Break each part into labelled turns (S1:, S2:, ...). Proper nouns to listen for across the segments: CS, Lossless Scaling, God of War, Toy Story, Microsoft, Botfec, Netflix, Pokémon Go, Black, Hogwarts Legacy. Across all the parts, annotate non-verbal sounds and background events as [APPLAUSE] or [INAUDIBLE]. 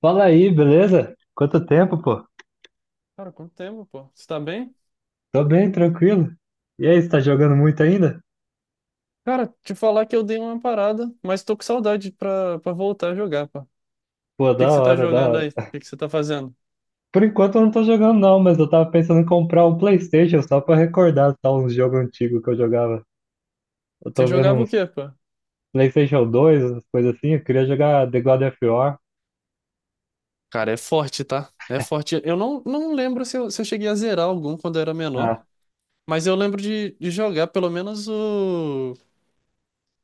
S1: Fala aí, beleza? Quanto tempo, pô?
S2: Cara, quanto tempo, pô? Você tá bem?
S1: Tô bem, tranquilo. E aí, você tá jogando muito ainda?
S2: Cara, te falar que eu dei uma parada, mas tô com saudade pra voltar a jogar, pô. O
S1: Pô,
S2: que
S1: da
S2: que você tá
S1: hora, da
S2: jogando
S1: hora.
S2: aí? O que que você tá fazendo?
S1: Por enquanto eu não tô jogando não, mas eu tava pensando em comprar um PlayStation só pra recordar tá, uns jogos antigos que eu jogava. Eu
S2: Você
S1: tô vendo
S2: jogava o
S1: uns
S2: quê, pô?
S1: PlayStation 2, umas coisas assim. Eu queria jogar The God of War.
S2: Cara, é forte, tá? É forte. Eu não lembro se eu cheguei a zerar algum quando eu era menor,
S1: Ah,
S2: mas eu lembro de jogar pelo menos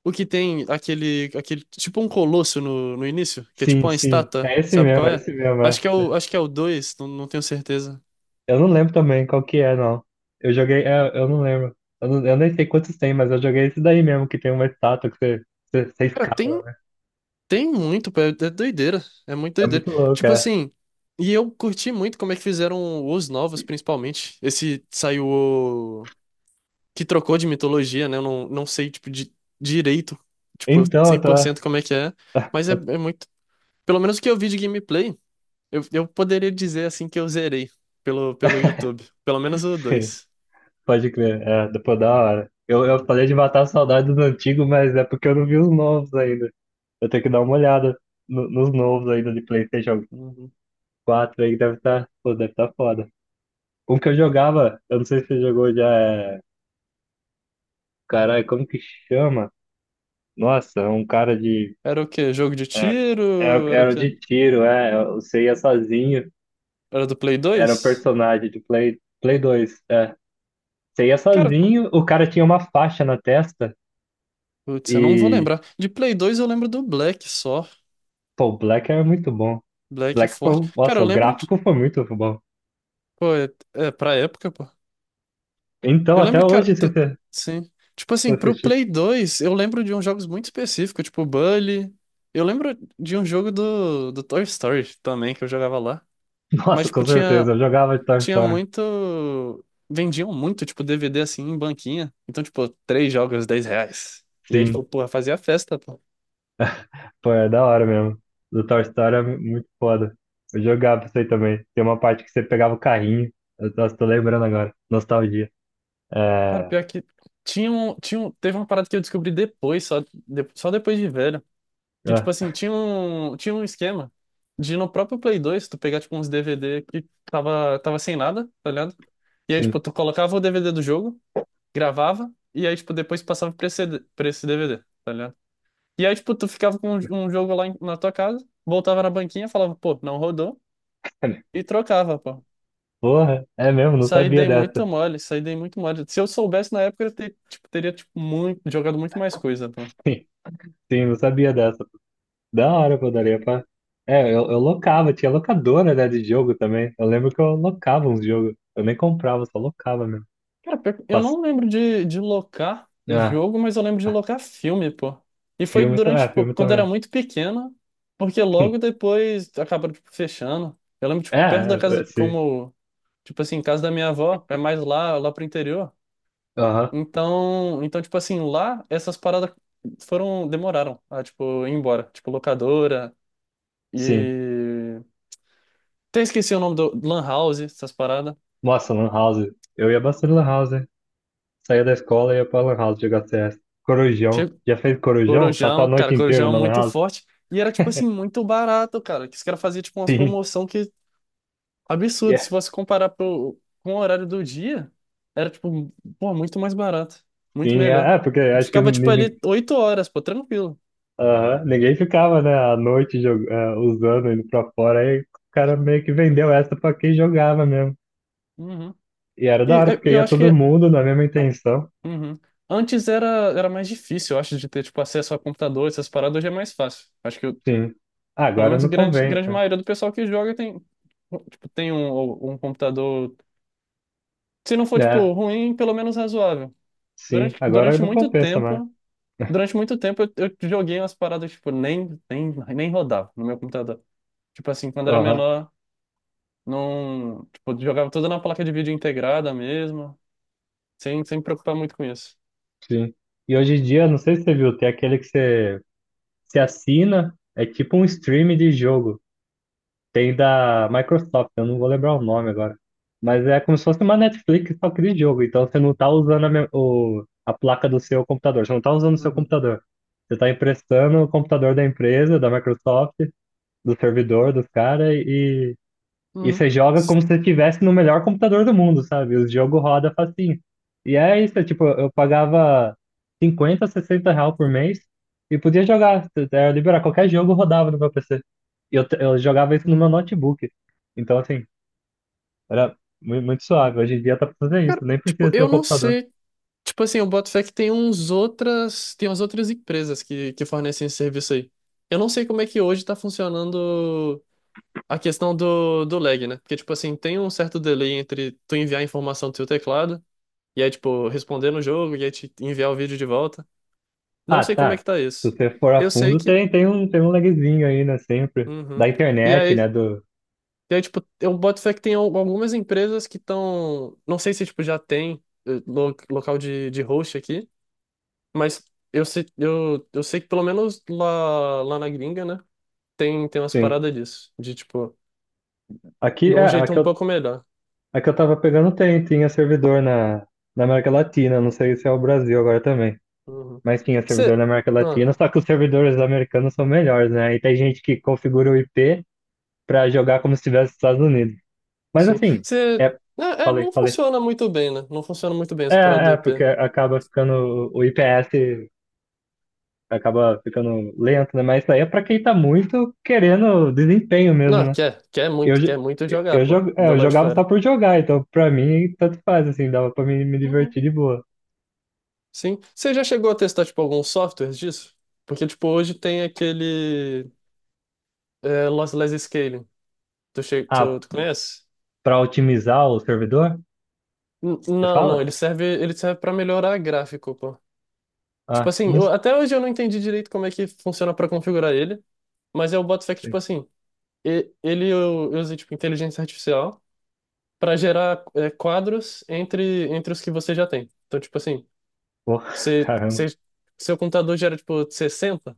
S2: o que tem aquele, aquele, tipo um colosso no início, que é tipo
S1: sim,
S2: uma
S1: sim.
S2: estátua,
S1: É esse
S2: sabe qual
S1: mesmo, é
S2: é?
S1: esse mesmo. É.
S2: Acho que é o, acho que é o dois, não tenho certeza.
S1: Eu não lembro também qual que é, não. Eu joguei, é, eu não lembro. Eu nem sei quantos tem, mas eu joguei esse daí mesmo, que tem uma estátua que você, você
S2: Cara, tem.
S1: escala.
S2: Tem muito, pô, é doideira. É muito
S1: É
S2: doideira.
S1: muito louco,
S2: Tipo
S1: é.
S2: assim, e eu curti muito como é que fizeram os novos, principalmente. Esse saiu o... que trocou de mitologia, né? Eu não sei, tipo, de, direito, tipo, cem
S1: Então,
S2: por
S1: tá.
S2: cento como é que é. Mas é muito. Pelo menos o que eu vi de gameplay, eu poderia dizer assim que eu zerei pelo YouTube. Pelo menos o
S1: [LAUGHS]
S2: 2.
S1: Pode crer. É, depois da hora. Eu falei de matar a saudade dos antigos, mas é porque eu não vi os novos ainda. Eu tenho que dar uma olhada nos novos ainda de PlayStation 4 aí, deve estar, pô, deve estar foda. Um que eu jogava, eu não sei se você jogou já, é... Caralho, como que chama? Nossa, é um cara de...
S2: Era o quê? Jogo de
S1: É, era,
S2: tiro? Era o
S1: era
S2: quê?
S1: de tiro, é. Você ia sozinho.
S2: Era do Play
S1: Era o
S2: dois.
S1: personagem de Play 2 é. Você ia
S2: Cara.
S1: sozinho, o cara tinha uma faixa na testa
S2: Putz, eu não vou
S1: e
S2: lembrar. De Play 2 eu lembro do Black só.
S1: pô, o Black é muito bom.
S2: Black é
S1: Black,
S2: forte. Cara,
S1: nossa,
S2: eu
S1: o
S2: lembro de.
S1: gráfico foi muito bom.
S2: Pô, é, é pra época, pô.
S1: Então,
S2: Eu
S1: até
S2: lembro, cara.
S1: hoje, se você se
S2: Sim. Tipo
S1: eu
S2: assim, pro
S1: assistir.
S2: Play 2, eu lembro de uns jogos muito específicos, tipo Bully. Eu lembro de um jogo do Toy Story também, que eu jogava lá.
S1: [LAUGHS]
S2: Mas,
S1: Nossa, com
S2: tipo, tinha,
S1: certeza, eu jogava de Toy
S2: tinha
S1: Story.
S2: muito. Vendiam muito, tipo, DVD assim em banquinha. Então, tipo, três jogos, 10 reais. E aí, tipo,
S1: Sim,
S2: porra, fazia festa, pô.
S1: pô, é da hora mesmo. Do Toy Story é muito foda. Eu jogava isso aí também. Tem uma parte que você pegava o carrinho. Eu, nossa, tô lembrando agora. Nostalgia.
S2: Cara,
S1: É.
S2: pior que teve uma parada que eu descobri depois, só, só depois de velho, que tipo
S1: Ah,
S2: assim, tinha um esquema de no próprio Play 2 tu pegar tipo uns DVD que tava sem nada, tá ligado? E aí tipo
S1: sim.
S2: tu colocava o DVD do jogo, gravava e aí tipo depois passava pra esse DVD, tá ligado? E aí tipo tu ficava com um jogo lá na tua casa, voltava na banquinha, falava, pô, não rodou e trocava, pô.
S1: Porra, é mesmo, não
S2: Isso aí
S1: sabia
S2: dei
S1: dessa.
S2: muita mole, isso aí dei muito mole. Se eu soubesse na época, tipo, teria tipo, muito, jogado muito mais coisa, pô.
S1: [LAUGHS] sim, não sabia dessa. Da hora, pô, daria pra. É, eu locava, tinha locadora, né, de jogo também. Eu lembro que eu locava uns jogos. Eu nem comprava, só locava mesmo.
S2: Cara, pior que eu
S1: Pass...
S2: não lembro de locar
S1: Ah,
S2: jogo, mas eu lembro de locar filme, pô. E foi
S1: filme,
S2: durante,
S1: é,
S2: tipo,
S1: filme
S2: quando
S1: também.
S2: era muito pequeno, porque logo
S1: [LAUGHS]
S2: depois acabaram, tipo, fechando. Eu lembro,
S1: É,
S2: tipo, perto da
S1: é, é,
S2: casa,
S1: sim.
S2: como, tipo assim, casa da minha avó, é mais lá, lá pro interior.
S1: Aham,
S2: Então, tipo assim, lá essas paradas foram, demoraram a, tipo, ir embora. Tipo, locadora
S1: sim.
S2: e. Até esqueci o nome do Lan House, essas paradas.
S1: Nossa, Lan House. Eu ia bastante Lan House, hein? Saía da escola e ia pra Lan House jogar CS. Corujão.
S2: Che-
S1: Já fez corujão? Passar a
S2: Corujão, cara,
S1: noite inteira
S2: Corujão é
S1: na Lan
S2: muito
S1: House?
S2: forte. E era, tipo assim, muito barato, cara. Que os caras faziam, tipo, umas
S1: Sim.
S2: promoção que absurdo.
S1: Yeah.
S2: Se você comparar pro... com o horário do dia, era, tipo, pô, muito mais barato. Muito
S1: Sim,
S2: melhor.
S1: porque
S2: E tu
S1: acho que
S2: ficava, tipo, ali
S1: ninguém.
S2: 8 horas, pô, tranquilo.
S1: Aham. Ninguém ficava, né, à noite usando, indo pra fora, aí o cara meio que vendeu essa pra quem jogava mesmo.
S2: Uhum.
S1: E era da
S2: E é,
S1: hora, porque
S2: eu
S1: ia
S2: acho
S1: todo
S2: que.
S1: mundo na mesma
S2: ah,
S1: intenção.
S2: Uhum. Antes era mais difícil, eu acho, de ter, tipo, acesso a computador, essas paradas, hoje é mais fácil. Acho que
S1: Sim. Ah,
S2: pelo
S1: agora
S2: menos
S1: não
S2: grande,
S1: convém.
S2: grande maioria do pessoal que joga tem, tipo, tem um computador, se não for,
S1: Né? É,
S2: tipo, ruim, pelo menos razoável.
S1: sim,
S2: Durante,
S1: agora
S2: durante
S1: não
S2: muito
S1: compensa mais.
S2: tempo, durante muito tempo eu joguei umas paradas, tipo, nem rodava no meu computador. Tipo assim, quando era
S1: Aham,
S2: menor, não, tipo, jogava tudo na placa de vídeo integrada mesmo, sem me preocupar muito com isso.
S1: sim. E hoje em dia, não sei se você viu, tem aquele que você, assina, é tipo um stream de jogo. Tem da Microsoft, eu não vou lembrar o nome agora. Mas é como se fosse uma Netflix só que de jogo. Então você não tá usando a placa do seu computador. Você não tá usando o seu
S2: Uhum.
S1: computador. Você tá emprestando o computador da empresa, da Microsoft, do servidor dos caras e
S2: Uhum.
S1: você joga
S2: s-
S1: como se você estivesse no melhor computador do mundo, sabe? O jogo roda facinho. E é isso, é tipo, eu pagava 50, 60 real por mês e podia jogar, era liberar qualquer jogo rodava no meu PC. E eu jogava isso no meu
S2: Uhum.
S1: notebook. Então, assim, era muito suave. Hoje em dia tá pra fazer
S2: Cara,
S1: isso, nem
S2: tipo,
S1: precisa ter o
S2: eu não
S1: computador.
S2: sei. Tipo assim, o Botfec tem umas outras empresas que fornecem esse serviço aí. Eu não sei como é que hoje tá funcionando a questão do lag, né? Porque, tipo assim, tem um certo delay entre tu enviar a informação do teu teclado e aí, tipo, responder no jogo e aí te enviar o vídeo de volta. Não
S1: Ah,
S2: sei como é que
S1: tá.
S2: tá
S1: Se
S2: isso.
S1: você for a
S2: Eu sei
S1: fundo,
S2: que...
S1: tem um lagzinho aí, né? Sempre.
S2: Uhum.
S1: Da
S2: E
S1: internet, né?
S2: aí, e aí tipo, o Botfec tem algumas empresas que estão... Não sei se, tipo, já tem local de host aqui, mas eu sei, eu sei que pelo menos lá, lá na gringa, né? Tem umas
S1: Sim.
S2: paradas disso. De tipo,
S1: Aqui,
S2: de
S1: é,
S2: um jeito
S1: aqui,
S2: um pouco melhor.
S1: a que eu tava pegando tem, tinha servidor na América Latina, não sei se é o Brasil agora também,
S2: Uhum.
S1: mas tinha servidor na
S2: Você.
S1: América Latina,
S2: Ah,
S1: só que os servidores americanos são melhores, né? E tem gente que configura o IP pra jogar como se estivesse nos Estados Unidos. Mas
S2: sim.
S1: assim,
S2: Você.
S1: é, falei,
S2: Não
S1: falei.
S2: funciona muito bem, né? Não funciona muito bem
S1: É,
S2: essa parada do
S1: é, porque
S2: IP.
S1: acaba ficando, o IPS acaba ficando lento, né? Mas isso aí é pra quem tá muito querendo desempenho mesmo,
S2: Não,
S1: né? Eu, jo-
S2: quer muito jogar, pô. Do
S1: eu
S2: lado de
S1: jogava só
S2: fora.
S1: por jogar, então pra mim tanto faz, assim, dava pra me divertir
S2: Uhum.
S1: de boa.
S2: Sim. Você já chegou a testar, tipo, alguns softwares disso? Porque, tipo, hoje tem aquele. É, Lossless Scaling.
S1: Ah,
S2: Tu conhece?
S1: para otimizar o servidor? Você
S2: Não, não,
S1: fala?
S2: ele serve para melhorar gráfico, pô. Tipo
S1: Ah,
S2: assim,
S1: não
S2: até hoje eu não entendi direito como é que funciona para configurar ele, mas eu boto fé que, tipo
S1: sei.
S2: assim, e- ele eu usei, tipo, inteligência artificial para gerar quadros entre os que você já tem. Então, tipo assim,
S1: Pô, [LAUGHS]
S2: se,
S1: caramba.
S2: se, seu computador gera, tipo, 60,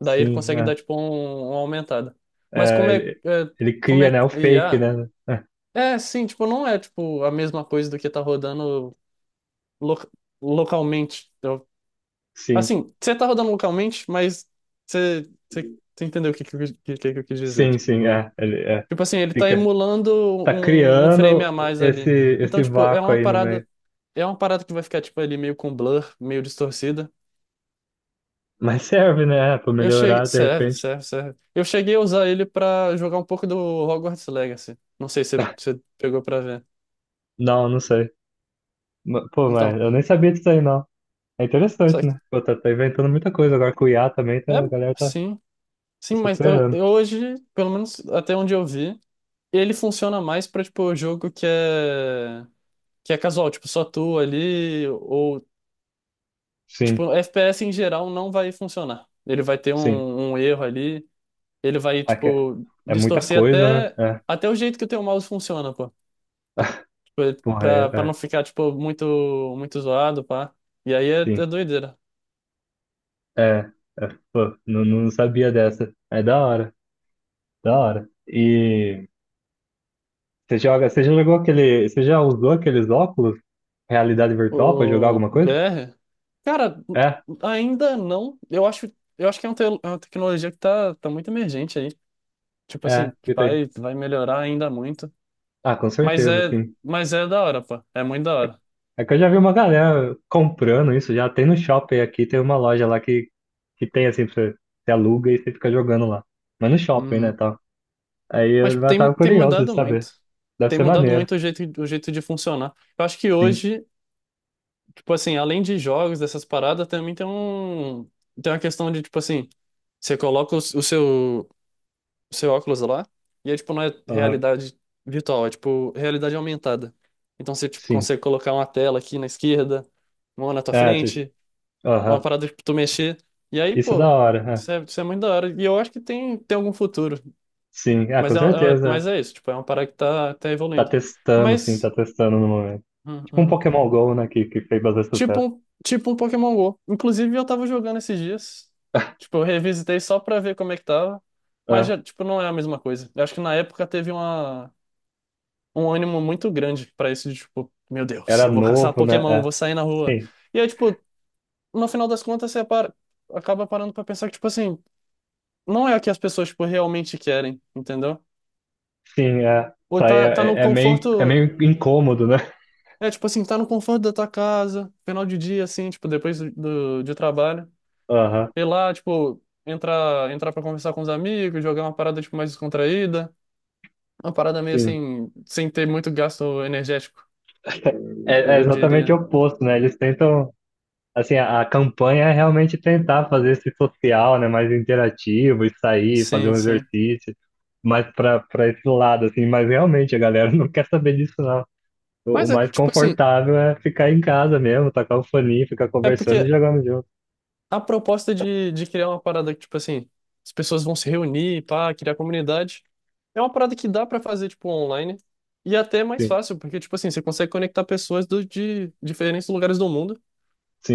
S2: daí ele
S1: Sim,
S2: consegue dar,
S1: é.
S2: tipo, uma aumentada. Mas
S1: É, ele, ele
S2: como
S1: cria,
S2: é
S1: né, o fake,
S2: IA,
S1: né? É,
S2: é, sim, tipo, não é, tipo, a mesma coisa do que tá rodando lo- localmente.
S1: sim,
S2: Assim, você tá rodando localmente, mas você entendeu que eu quis dizer,
S1: sim, sim,
S2: né?
S1: é.
S2: Tipo assim, ele tá
S1: Fica,
S2: emulando
S1: tá
S2: um frame a
S1: criando
S2: mais
S1: esse,
S2: ali. Então,
S1: esse
S2: tipo,
S1: vácuo aí no meio.
S2: é uma parada que vai ficar, tipo, ali meio com blur, meio distorcida.
S1: Mas serve, né? É, pra
S2: Eu cheguei.
S1: melhorar, de
S2: Serve,
S1: repente.
S2: serve, serve. Eu cheguei a usar ele pra jogar um pouco do Hogwarts Legacy. Não sei se
S1: [LAUGHS]
S2: você pegou pra ver.
S1: Não, não sei. Pô, mas
S2: Então,
S1: eu nem sabia disso aí, não. É
S2: só
S1: interessante,
S2: que.
S1: né? Pô, tá inventando muita coisa. Agora com o IA também,
S2: É,
S1: tá, a galera tá
S2: sim. Sim, mas eu,
S1: superando.
S2: eu hoje, pelo menos até onde eu vi, ele funciona mais pra, tipo, jogo que é. Que é casual, tipo, só tu ali, ou,
S1: Sim,
S2: tipo, FPS em geral não vai funcionar. Ele vai ter
S1: sim.
S2: um erro ali, ele vai,
S1: Ah, que É
S2: tipo,
S1: é muita
S2: distorcer
S1: coisa, né?
S2: até,
S1: É.
S2: até o jeito que o teu mouse funciona, pô. Tipo,
S1: Porra, é,
S2: pra
S1: é,
S2: não ficar, tipo, muito, muito zoado, pá. E aí é
S1: sim.
S2: doideira.
S1: É, é, pô, não sabia dessa. É da hora, da hora. E você joga, você já jogou aquele, você já usou aqueles óculos, realidade virtual, pra jogar
S2: O
S1: alguma coisa?
S2: VR, cara,
S1: É,
S2: ainda não. Eu acho que é é uma tecnologia que tá muito emergente aí. Tipo
S1: é,
S2: assim, que
S1: eu tenho.
S2: vai melhorar ainda muito.
S1: Ah, com
S2: Mas
S1: certeza,
S2: é,
S1: sim.
S2: mas é da hora, pô. É muito da
S1: É,
S2: hora.
S1: é que eu já vi uma galera comprando isso, já tem no shopping aqui, tem uma loja lá que tem assim, pra você, você aluga e você fica jogando lá. Mas no shopping, né,
S2: Uhum.
S1: tal. Aí
S2: Mas
S1: eu já
S2: tem,
S1: tava
S2: tem
S1: curioso de
S2: mudado
S1: saber.
S2: muito.
S1: Deve
S2: Tem
S1: ser
S2: mudado
S1: maneiro.
S2: muito o jeito de funcionar. Eu acho que
S1: Sim.
S2: hoje, tipo assim, além de jogos, dessas paradas, também tem um, tem uma questão de, tipo assim, você coloca o seu, o seu óculos lá, e aí, tipo, não é
S1: Aham,
S2: realidade virtual, é, tipo, realidade aumentada. Então você, tipo,
S1: sim.
S2: consegue colocar uma tela aqui na esquerda, uma na tua
S1: É,
S2: frente, uma
S1: aham.
S2: parada pra tu mexer. E aí,
S1: Isso é da
S2: pô,
S1: hora, é.
S2: isso é muito da hora. E eu acho que tem algum futuro.
S1: Sim, ah, com
S2: Mas mas
S1: certeza. É.
S2: é isso, tipo, é uma parada que tá
S1: Tá
S2: evoluindo.
S1: testando, sim, tá
S2: Mas,
S1: testando no momento.
S2: uhum,
S1: Tipo um
S2: uhum.
S1: Pokémon Go, né, que fez bastante sucesso.
S2: Tipo um Pokémon Go. Inclusive, eu tava jogando esses dias. Tipo, eu revisitei só pra ver como é que tava. Mas,
S1: É,
S2: já, tipo, não é a mesma coisa. Eu acho que na época teve um ânimo muito grande pra isso, de tipo, meu Deus,
S1: era
S2: eu vou caçar
S1: novo, né?
S2: Pokémon,
S1: É.
S2: vou sair na rua.
S1: Sim,
S2: E aí, tipo, no final das contas, você para, acaba parando pra pensar que, tipo assim, não é o que as pessoas, tipo, realmente querem, entendeu?
S1: sim, é.
S2: Ou
S1: Isso
S2: tá no
S1: é
S2: conforto.
S1: meio incômodo, né?
S2: É, tipo assim, tá no conforto da tua casa, final de dia, assim, tipo, de trabalho.
S1: Aham,
S2: Ir lá, tipo, entrar pra conversar com os amigos, jogar uma parada, tipo, mais descontraída. Uma parada meio
S1: sim.
S2: assim, sem ter muito gasto energético, eu,
S1: É,
S2: eu
S1: exatamente o
S2: diria.
S1: oposto, né? Eles tentam, assim, a campanha é realmente tentar fazer esse social, né, mais interativo, e sair, fazer
S2: Sim,
S1: um
S2: sim.
S1: exercício, mais para esse lado, assim, mas realmente a galera [LAUGHS] não quer saber disso. O
S2: Mas é,
S1: mais
S2: tipo assim,
S1: confortável é ficar em casa mesmo, tacar o foninho, ficar
S2: é
S1: conversando e
S2: porque
S1: jogando junto.
S2: a proposta de criar uma parada que, tipo assim, as pessoas vão se reunir, pá, criar comunidade, é uma parada que dá pra fazer, tipo, online. E até é mais
S1: Sim,
S2: fácil, porque, tipo assim, você consegue conectar de diferentes lugares do mundo.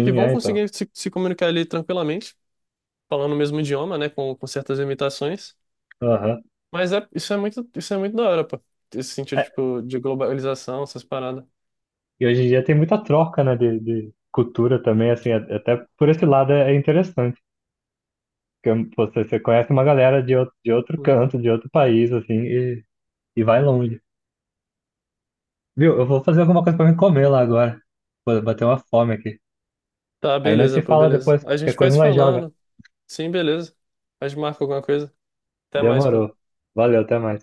S2: Que vão
S1: é então.
S2: conseguir se comunicar ali tranquilamente, falando o mesmo idioma, né, com certas limitações.
S1: Aham.
S2: Mas é, isso é muito da hora, pô. Esse sentido,
S1: É,
S2: tipo, de globalização, essas paradas.
S1: e hoje em dia tem muita troca, né, de cultura também, assim, até por esse lado é, é interessante. Porque você, conhece uma galera de outro,
S2: Uhum.
S1: canto, de outro país, assim, e, vai longe. Viu? Eu vou fazer alguma coisa pra me comer lá agora. Vou bater uma fome aqui.
S2: Tá,
S1: Aí nós se
S2: beleza, pô,
S1: fala
S2: beleza.
S1: depois,
S2: A
S1: qualquer
S2: gente vai
S1: coisa
S2: se
S1: nós joga.
S2: falando. Sim, beleza. A gente marca alguma coisa. Até mais, pô.
S1: Demorou. Valeu, até mais.